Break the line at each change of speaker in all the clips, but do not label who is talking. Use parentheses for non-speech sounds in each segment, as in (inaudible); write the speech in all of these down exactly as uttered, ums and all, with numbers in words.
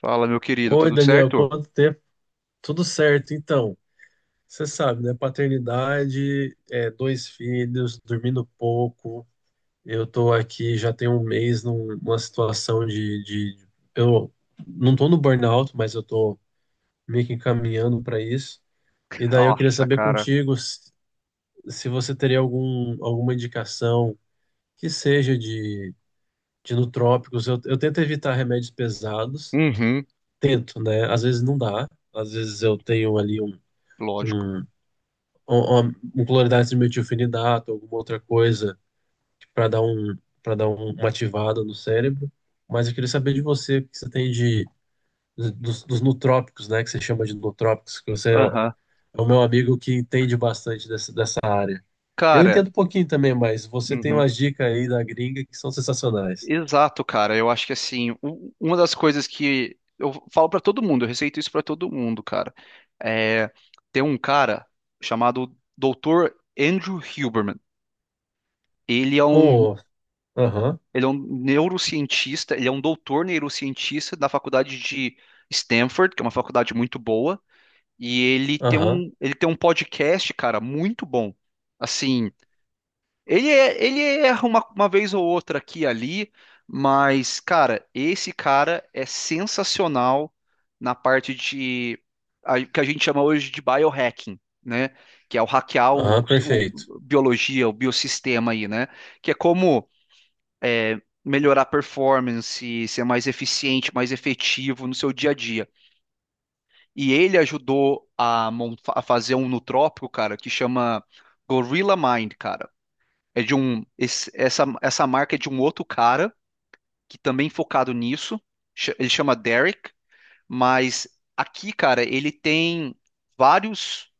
Fala, meu querido,
Oi,
tudo
Daniel,
certo?
quanto tempo? Tudo certo, então. Você sabe, né? Paternidade, é, dois filhos, dormindo pouco. Eu tô aqui já tem um mês num- numa situação de, de- Eu não tô no burnout, mas eu tô meio que encaminhando para isso. E daí eu queria
Nossa,
saber
cara.
contigo se, se você teria algum, alguma indicação que seja de, de nootrópicos. Eu, eu tento evitar remédios pesados,
Uhum,
tento, né? Às vezes não dá, às vezes eu tenho ali um
lógico.
um uma, uma polaridade de metilfenidato, alguma outra coisa para dar um para dar um- uma ativada no cérebro. Mas eu queria saber de você o que você tem de dos, dos nootrópicos, né, que você chama de nootrópicos, que você é
Aham.
é o meu amigo que entende bastante dessa, dessa área. Eu
Cara,
entendo um pouquinho também, mas você tem
uhum.
umas dicas aí da gringa que são sensacionais.
Exato, cara. Eu acho que assim, u- uma das coisas que eu falo pra todo mundo, eu receito isso pra todo mundo, cara. É, tem um cara chamado doutor Andrew Huberman. Ele é um,
Oh, aham,
ele é um neurocientista, ele é um doutor neurocientista da faculdade de Stanford, que é uma faculdade muito boa, e ele tem
aham,
um, ele tem um podcast, cara, muito bom. Assim, Ele, é- ele erra uma, uma vez ou outra aqui e ali, mas, cara, esse cara é sensacional na parte de a- que a gente chama hoje de biohacking, né? Que é o hackear o,
aham,
o-
perfeito.
o- biologia, o biossistema aí, né? Que é como é, melhorar a performance, ser mais eficiente, mais efetivo no seu dia a dia. E ele ajudou a, mon- a fazer um nootropico, cara, que chama Gorilla Mind, cara. É de um esse- essa essa marca é de um outro cara que também focado nisso. Ch- Ele chama Derek, mas aqui, cara, ele tem vários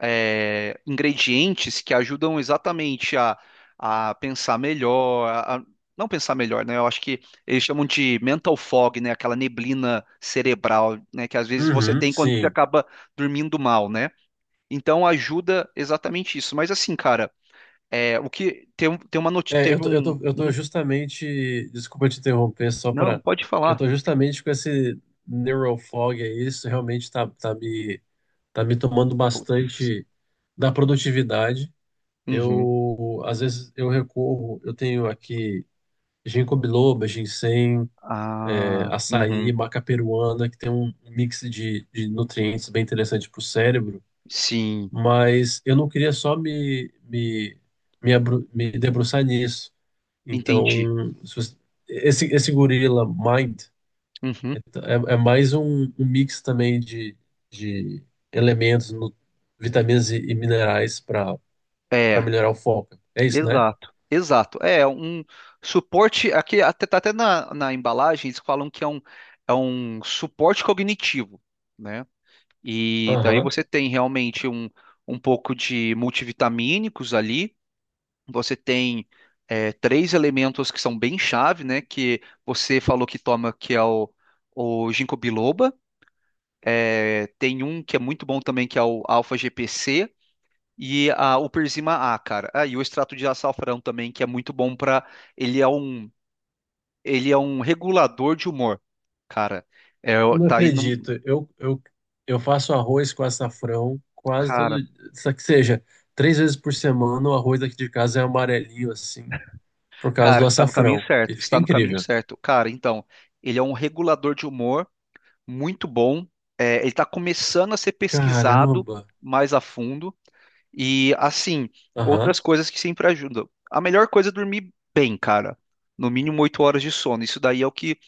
é, ingredientes que ajudam exatamente a- a- pensar melhor, a- a- não pensar melhor, né? Eu acho que eles chamam de mental fog, né? Aquela neblina cerebral, né? Que às vezes você
Uhum,
tem quando você
sim.
acaba dormindo mal, né? Então ajuda exatamente isso. Mas assim, cara, é, o que tem, um- tem uma notícia,
É, eu
teve
tô, eu
um.
tô, eu tô
Uhum.
justamente. Desculpa te interromper, só
Não,
para.
pode
Eu
falar.
tô justamente com esse neural fog aí, isso realmente tá, tá me, tá me tomando
Putz.
bastante da produtividade.
Uhum.
Eu, às vezes, eu recorro, eu tenho aqui ginkgo biloba, ginseng, é,
Ah,
açaí,
uhum.
maca peruana, que tem um um mix de, de nutrientes bem interessante para o cérebro,
Sim,
mas eu não queria só me, me, me, abru- me debruçar nisso.
entendi.
Então, se você- esse, esse gorila Mind é,
Uhum.
é é mais um, um mix também de, de elementos, nu- vitaminas e, e minerais para para
É,
melhorar o foco. É isso, né?
exato, exato. É um suporte aqui, até tá até na, na embalagem eles falam que é um, é um suporte cognitivo, né? E daí
Aham.
você tem realmente um um pouco de multivitamínicos ali. Você tem é, três elementos que são bem chave, né? Que você falou que toma, que é o, o ginkgo biloba. É, tem um que é muito bom também, que é o alfa-G P C. E a, o Persima A, cara. Ah, e o extrato de açafrão também, que é muito bom para. Ele é um, ele é um regulador de humor, cara. É,
Eu não
tá aí no.
acredito. Eu, eu, eu faço arroz com açafrão quase
Cara,
todo dia. Só que seja, três vezes por semana o arroz aqui de casa é amarelinho assim, por causa do
cara, você tá no caminho
açafrão. E
certo.
fica
Está no caminho
incrível.
certo. Cara, então, ele é um regulador de humor muito bom. É, ele está começando a ser pesquisado
Caramba.
mais a fundo. E, assim,
Aham.
outras coisas que sempre ajudam. A melhor coisa é dormir bem, cara. No mínimo oito horas de sono. Isso daí é o que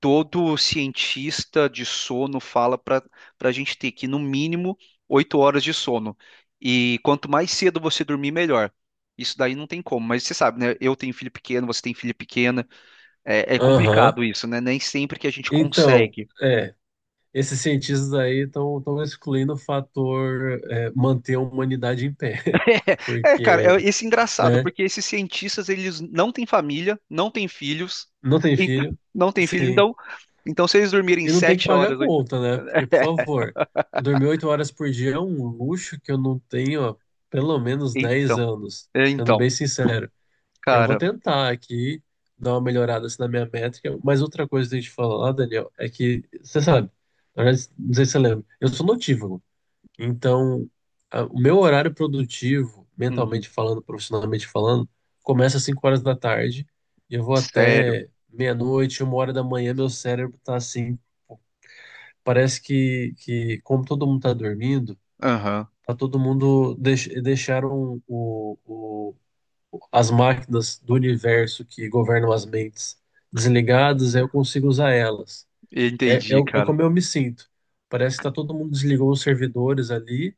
todo cientista de sono fala para para a gente ter que, no mínimo, oito horas de sono. E quanto mais cedo você dormir, melhor. Isso daí não tem como, mas você sabe, né? Eu tenho filho pequeno, você tem filho pequena, é, é
Aham.
complicado isso, né? Nem sempre que a gente
Então,
consegue.
é. Esses cientistas aí estão excluindo o fator é, manter a humanidade em pé, (laughs)
(laughs) É,
porque,
cara, é esse engraçado,
né,
porque esses cientistas, eles não têm família, não têm filhos,
não tem
então-
filho,
(laughs) não têm filho,
sim,
então, então se eles dormirem
e não tem que
sete
pagar a
horas, oito,
conta, né? Porque,
(laughs)
por
é,
favor, dormir oito horas por dia é um luxo que eu não tenho há pelo menos dez
então,
anos,
é,
sendo
então,
bem sincero. Eu vou
cara,
tentar aqui dar uma melhorada assim, na minha métrica, mas outra coisa que eu tenho que falar, Daniel, é que, você sabe, na verdade, não sei se você lembra, eu sou notívago. Então, a- o meu horário produtivo,
uhum,
mentalmente falando, profissionalmente falando, começa às cinco horas da tarde e eu vou
sério,
até meia-noite, uma hora da manhã, meu cérebro tá assim, parece que, que como todo mundo tá dormindo,
aham,
tá todo mundo deix, deixaram o, o, as máquinas do universo que governam as mentes desligadas, aí eu consigo usar elas.
eu
É, é,
entendi,
o- é
cara,
como eu me sinto. Parece que tá todo mundo desligou os servidores ali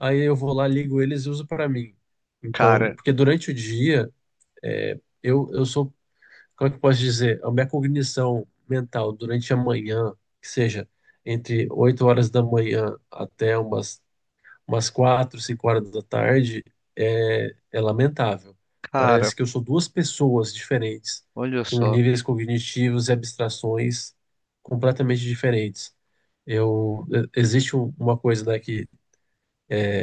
aí eu vou lá, ligo eles e uso para mim. Então,
cara,
porque durante o dia, é, eu, eu sou, como é que eu posso dizer, a minha cognição mental durante a manhã, que seja entre oito horas da manhã até umas, umas quatro cinco horas da tarde, é, é lamentável.
cara,
Parece que eu sou duas pessoas diferentes,
olha
com
só,
níveis cognitivos e abstrações completamente diferentes. Eu, existe um- uma coisa, né, que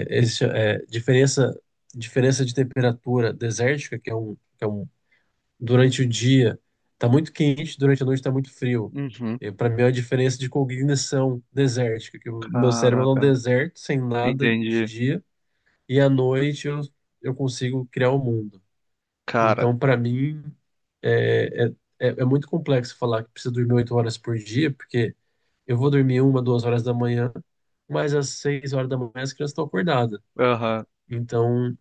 eles, cha- é, diferença, diferença de temperatura desértica, que é um, que é um durante o dia está muito quente, durante a noite está muito frio.
uhum,
Para mim é a diferença de cognição desértica, que o meu cérebro é um
caraca,
deserto sem nada de
entendi,
dia e à noite eu, eu, consigo criar o mundo.
cara,
Então, para mim, é, é, é é muito complexo falar que precisa dormir oito horas por dia, porque eu vou dormir uma, duas horas da manhã, mas às seis horas da manhã as crianças estão acordadas.
aham.
Então,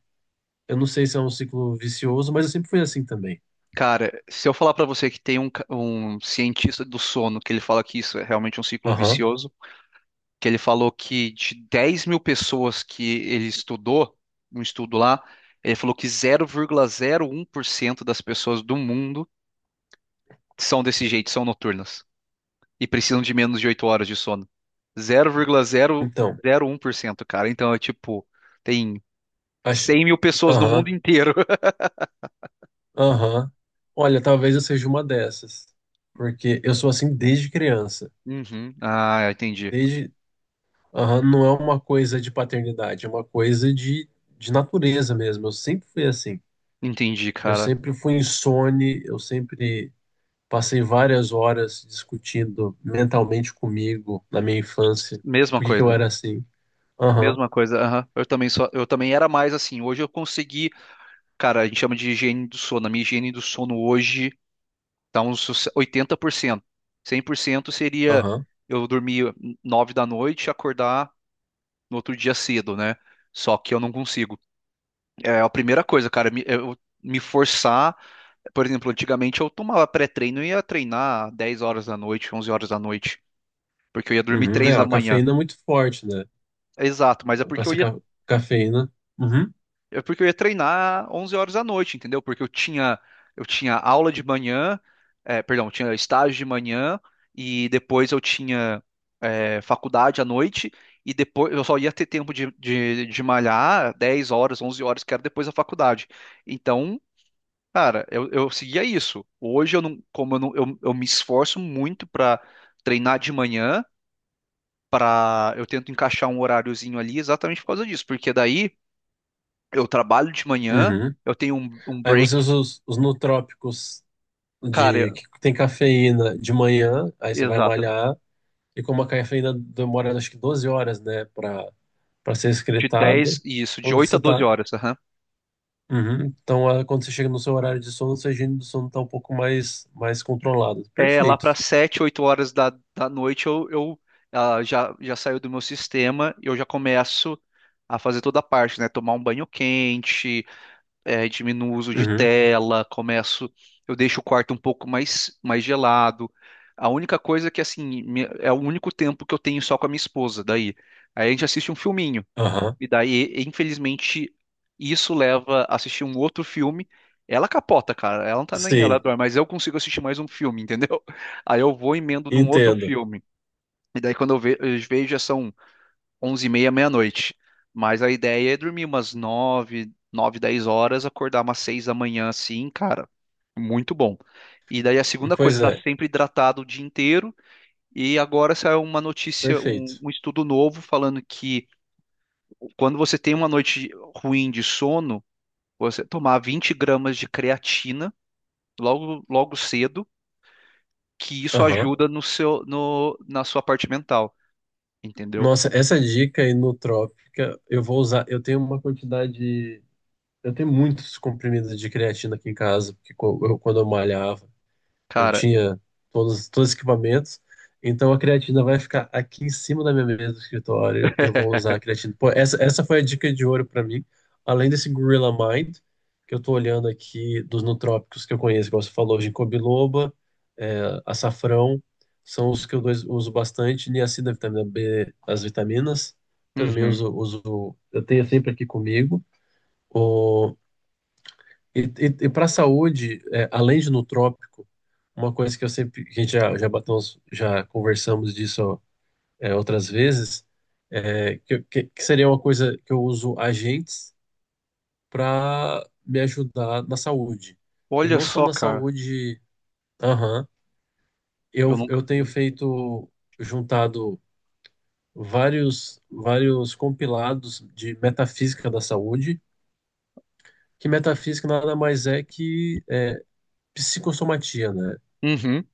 eu não sei se é um ciclo vicioso, mas eu sempre fui assim também.
Cara, se eu falar pra você que tem um, ca- um cientista do sono que ele fala que isso é realmente um ciclo
Aham.
vicioso, que ele falou que de dez mil pessoas que ele estudou, um estudo lá, ele falou que zero vírgula zero um por cento das pessoas do mundo são desse jeito, são noturnas e precisam de menos de oito horas de sono.
Então,
zero vírgula zero zero um por cento, cara. Então é tipo, tem
acho.
cem mil pessoas no mundo
Aham,
inteiro. (laughs)
aham. Olha, talvez eu seja uma dessas. Porque eu sou assim desde criança.
Uhum. Ah, entendi.
Desde. Aham, não é uma coisa de paternidade, é uma coisa de, de natureza mesmo. Eu sempre fui assim.
Entendi,
Eu
cara.
sempre fui insone, eu sempre passei várias horas discutindo mentalmente comigo na minha infância.
Mesma
Por que que eu
coisa.
era assim? Aham,
Mesma coisa, aham. Eu também só, eu também era mais assim. Hoje eu consegui, cara, a gente chama de higiene do sono. A minha higiene do sono hoje tá uns oitenta por cento. Cem por cento seria
aham.
eu dormir nove da noite e acordar no outro dia cedo, né? Só que eu não consigo. É a primeira coisa, cara, me, eu me forçar. Por exemplo, antigamente eu tomava pré-treino e ia treinar dez horas da noite, onze horas da noite, porque eu ia dormir
Uhum.
três
É,
da
a
manhã.
cafeína é muito forte, né?
Exato, mas é
Com
porque eu
essa
ia.
ca- cafeína. Uhum.
É porque eu ia treinar onze horas da noite, entendeu? Porque eu tinha eu tinha aula de manhã, é, perdão, eu tinha estágio de manhã e depois eu tinha é, faculdade à noite e depois eu só ia ter tempo de, de, de malhar dez horas, onze horas, que era depois da faculdade. Então, cara, eu, eu seguia isso. Hoje eu não, como eu, não, eu, eu me esforço muito para treinar de manhã, para eu tento encaixar um horáriozinho ali exatamente por causa disso, porque daí eu trabalho de manhã,
Uhum.
eu tenho um, um
Aí você
break,
usa os, os nootrópicos de,
cara,
que tem cafeína de manhã, aí você vai
exato,
malhar, e como a cafeína demora acho que doze horas, né, para para ser
de
excretada,
dez, isso, de
quando
oito a
você
doze
tá.
horas, aham.
Uhum. Então, ah, quando você chega no seu horário de sono, sua higiene do sono tá um pouco mais, mais controlada.
É, lá para
Perfeito.
sete, oito horas da, da noite eu, eu ah, já, já saio do meu sistema e eu já começo a fazer toda a parte, né? Tomar um banho quente, é, diminuo o uso de
Uhum.
tela, começo, eu deixo o quarto um pouco mais, mais gelado. A única coisa é que, assim, me- é o único tempo que eu tenho só com a minha esposa, daí. Aí a gente assiste um filminho.
Aham.
E daí, infelizmente, isso leva a assistir um outro filme. Ela capota, cara. Ela não tá nem ela
Sim,
dorme, mas eu consigo assistir mais um filme, (laughs) entendeu? Aí eu vou e emendo num outro
entendo.
filme. E daí quando eu ve- eu vejo já são onze e meia, meia-noite. Mas a ideia é dormir umas nove, nove, dez horas, acordar umas seis da manhã assim, cara. Muito bom. E daí a segunda coisa,
Pois
tá
é,
sempre hidratado o dia inteiro. E agora saiu uma notícia, um
perfeito.
um estudo novo falando que quando você tem uma noite ruim de sono, você tomar vinte gramas de creatina logo, logo cedo, que isso
Aham.
ajuda no seu, no, na sua parte mental, entendeu?
Nossa, essa dica aí inotrópica, eu vou usar. Eu tenho uma quantidade. Eu tenho muitos comprimidos de creatina aqui em casa, porque co- eu- quando eu malhava. Eu
Cara,
tinha todos, todos os equipamentos. Então a creatina vai ficar aqui em cima da minha mesa do escritório e eu vou usar a creatina. Pô, essa, essa foi a dica de ouro para mim. Além desse Gorilla Mind, que eu tô olhando aqui dos nootrópicos que eu conheço, igual você falou, ginkgo biloba, é, açafrão, são os que eu dois- uso bastante. Niacina, vitamina B, as vitaminas. Também
uhum.
uso, uso, eu tenho sempre aqui comigo. E, e, e para a saúde, é, além de nutrópico, uma coisa que eu sempre, que a gente já, já batemos, já conversamos disso é, outras vezes, é, que, que, que seria uma coisa que eu uso agentes para me ajudar na saúde. E
Olha
não só
só,
na
cara,
saúde, aham,
eu
eu,
nunca
eu
fiz
tenho
isso.
feito, juntado vários, vários compilados de metafísica da saúde, que metafísica nada mais é que é, psicossomatia, né?
Uhum.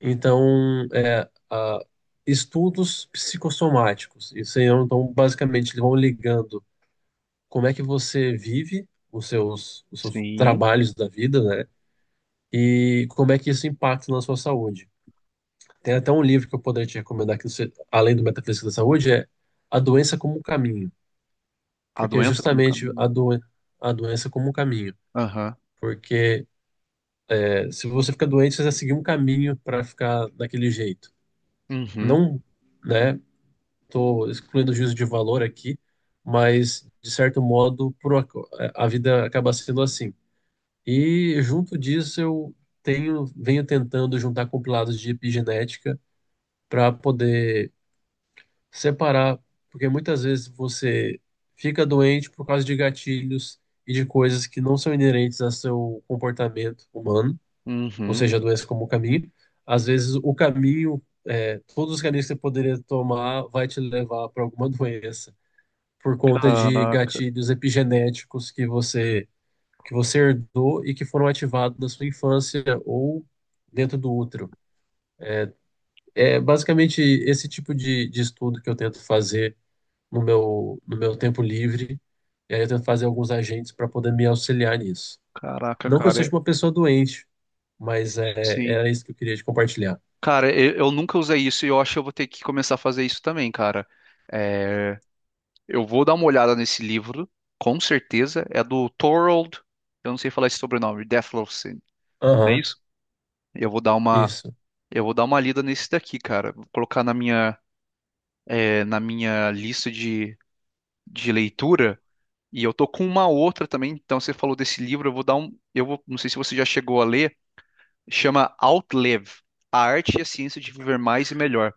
Então, é, a- estudos psicossomáticos. Isso aí, então, basicamente, eles vão ligando como é que você vive os seus, os seus
Sim,
trabalhos da vida, né? E como é que isso impacta na sua saúde. Tem até um livro que eu poderia te recomendar, que você, além do Metafísica da Saúde, é A Doença como um Caminho.
a
Porque é
doença como
justamente a,
caminho.
doen a doença como um caminho.
Aham.
Porque é, se você fica doente, você vai seguir um caminho para ficar daquele jeito.
Uhum.
Não, né? Estou excluindo o juízo de valor aqui, mas, de certo modo, por ac- a vida acaba sendo assim. E, junto disso, eu tenho, venho tentando juntar compilados de epigenética para poder separar, porque muitas vezes você fica doente por causa de gatilhos e de coisas que não são inerentes ao seu comportamento humano, ou
Uhum.
seja, a doença como caminho. Às vezes, o caminho, é, todos os caminhos que você poderia tomar vai te levar para alguma (laughs) doença por conta de
Caraca,
gatilhos epigenéticos que você que você herdou e que foram ativados na sua infância ou dentro do útero. É basicamente esse tipo de, de estudo que eu tento fazer no meu, no meu tempo livre. E aí eu tento fazer alguns agentes para poder me auxiliar nisso.
caraca,
Não que eu
cara,
seja
é-
uma pessoa doente, mas é,
sim.
era isso que eu queria te compartilhar.
Cara, eu, eu nunca usei isso e eu acho que eu vou ter que começar a fazer isso também, cara. É, eu vou dar uma olhada nesse livro, com certeza. É do Thorold, eu não sei falar esse sobrenome, Deathlowson, não é
Aham,
isso? Eu vou dar uma,
isso.
eu vou dar uma lida nesse daqui, cara. Vou colocar na minha, é, na minha lista de, de leitura. E eu tô com uma outra também. Então você falou desse livro, eu vou dar um, eu vou, não sei se você já chegou a ler. Chama Outlive, A Arte e a Ciência de Viver Mais e Melhor.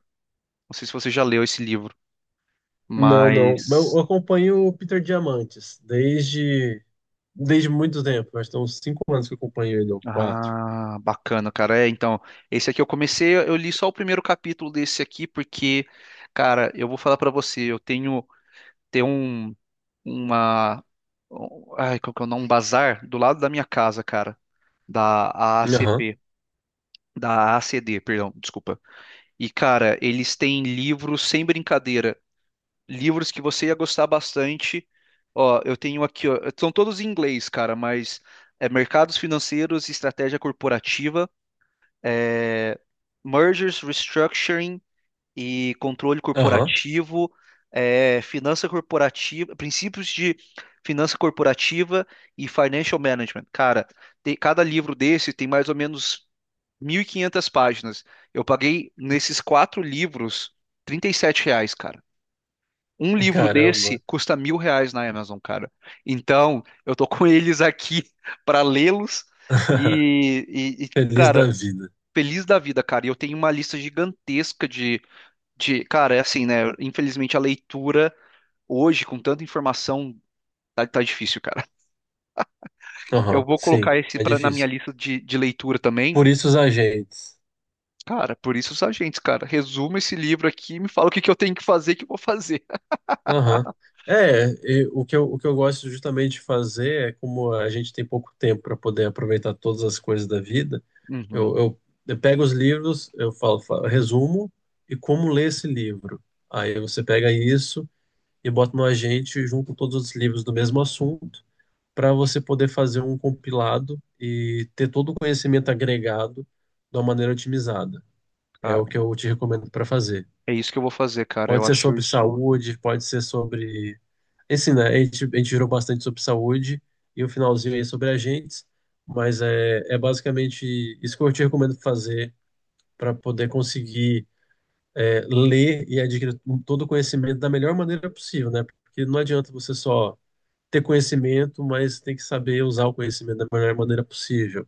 Não sei se você já leu esse livro,
Não, não. Mas eu
mas.
acompanho o Peter Diamantes desde. Desde muito tempo, acho que tem uns cinco anos que eu acompanho ele, ou quatro.
Ah, bacana, cara. É, então, esse aqui eu comecei, eu li só o primeiro capítulo desse aqui, porque, cara, eu vou falar pra você, eu tenho, tem um, uma, um- ai, qual que é o nome? Um bazar do lado da minha casa, cara, da
Aham,
A A C P, da A A C D, perdão, desculpa. E, cara, eles têm livros sem brincadeira, livros que você ia gostar bastante. Ó, eu tenho aqui, ó, são todos em inglês, cara, mas é Mercados Financeiros e Estratégia Corporativa. É, mergers, restructuring e controle
aham.
corporativo, é, finança corporativa, princípios de finança corporativa e financial management. Cara, tem- cada livro desse tem mais ou menos mil e quinhentas páginas. Eu paguei nesses quatro livros trinta e sete reais, cara. Um livro
Caramba.
desse custa mil reais na Amazon, cara. Então, eu tô com eles aqui (laughs) para lê-los
(laughs)
e, e, e,
Feliz da
cara,
vida.
feliz da vida, cara. E eu tenho uma lista gigantesca de, de, cara, é assim, né? Infelizmente a leitura hoje, com tanta informação, tá, tá difícil, cara. Eu
Aham,
vou
sim,
colocar esse
é
pra, na minha
difícil.
lista de, de leitura também.
Por isso os agentes.
Cara, por isso os agentes, cara. Resuma esse livro aqui e me fala o que que eu tenho que fazer, que eu vou fazer. (laughs)
Aham. É, e o que eu, o que eu gosto justamente de fazer é como a gente tem pouco tempo para poder aproveitar todas as coisas da vida,
Uhum,
eu, eu, eu pego os livros, eu falo, falo, resumo e como ler esse livro. Aí você pega isso e bota no agente junto com todos os livros do mesmo assunto, para você poder fazer um compilado e ter todo o conhecimento agregado de uma maneira otimizada. É o que
cara.
eu te recomendo para fazer.
É isso que eu vou fazer, cara. Eu
Pode ser
acho
sobre
isso
saúde, pode ser sobre. Assim, né? A gente, a gente virou bastante sobre saúde e o finalzinho aí sobre agentes, mas é, é basicamente isso que eu te recomendo fazer para poder conseguir é, ler e adquirir todo o conhecimento da melhor maneira possível, né? Porque não adianta você só ter conhecimento, mas tem que saber usar o conhecimento da melhor maneira possível.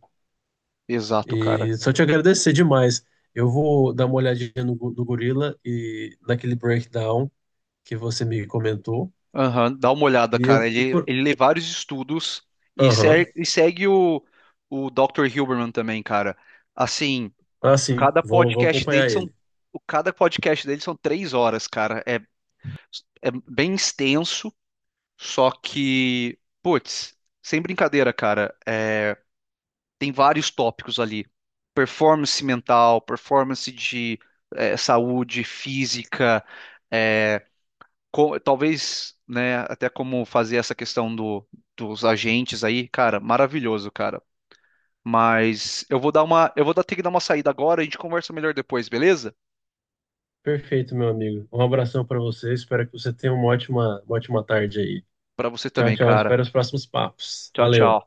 exato, cara.
E só te agradecer demais. Eu vou dar uma olhadinha no, Go- no Gorila e naquele breakdown que você me comentou.
Aham, dá uma olhada,
E eu
cara.
e
Ele,
por.
ele lê vários estudos e,
Aham.
ser- e segue o, o doutor Hilberman também, cara. Assim,
Ah, sim,
cada
vou, vou
podcast dele
acompanhar
são,
ele.
o- cada podcast dele são três horas, cara. É, é bem extenso, só que, putz, sem brincadeira, cara, é, tem vários tópicos ali. Performance mental, performance de é, saúde física, é, co- talvez, né, até como fazer essa questão do, dos agentes aí, cara, maravilhoso, cara. Mas eu vou dar uma, eu vou dar- ter que dar uma saída agora, a gente conversa melhor depois, beleza?
Perfeito, meu amigo. Um abração para você. Espero que você tenha uma ótima, uma ótima tarde aí.
Pra você
Tchau,
também,
tchau.
cara.
Espero os próximos papos.
Tchau,
Valeu.
tchau.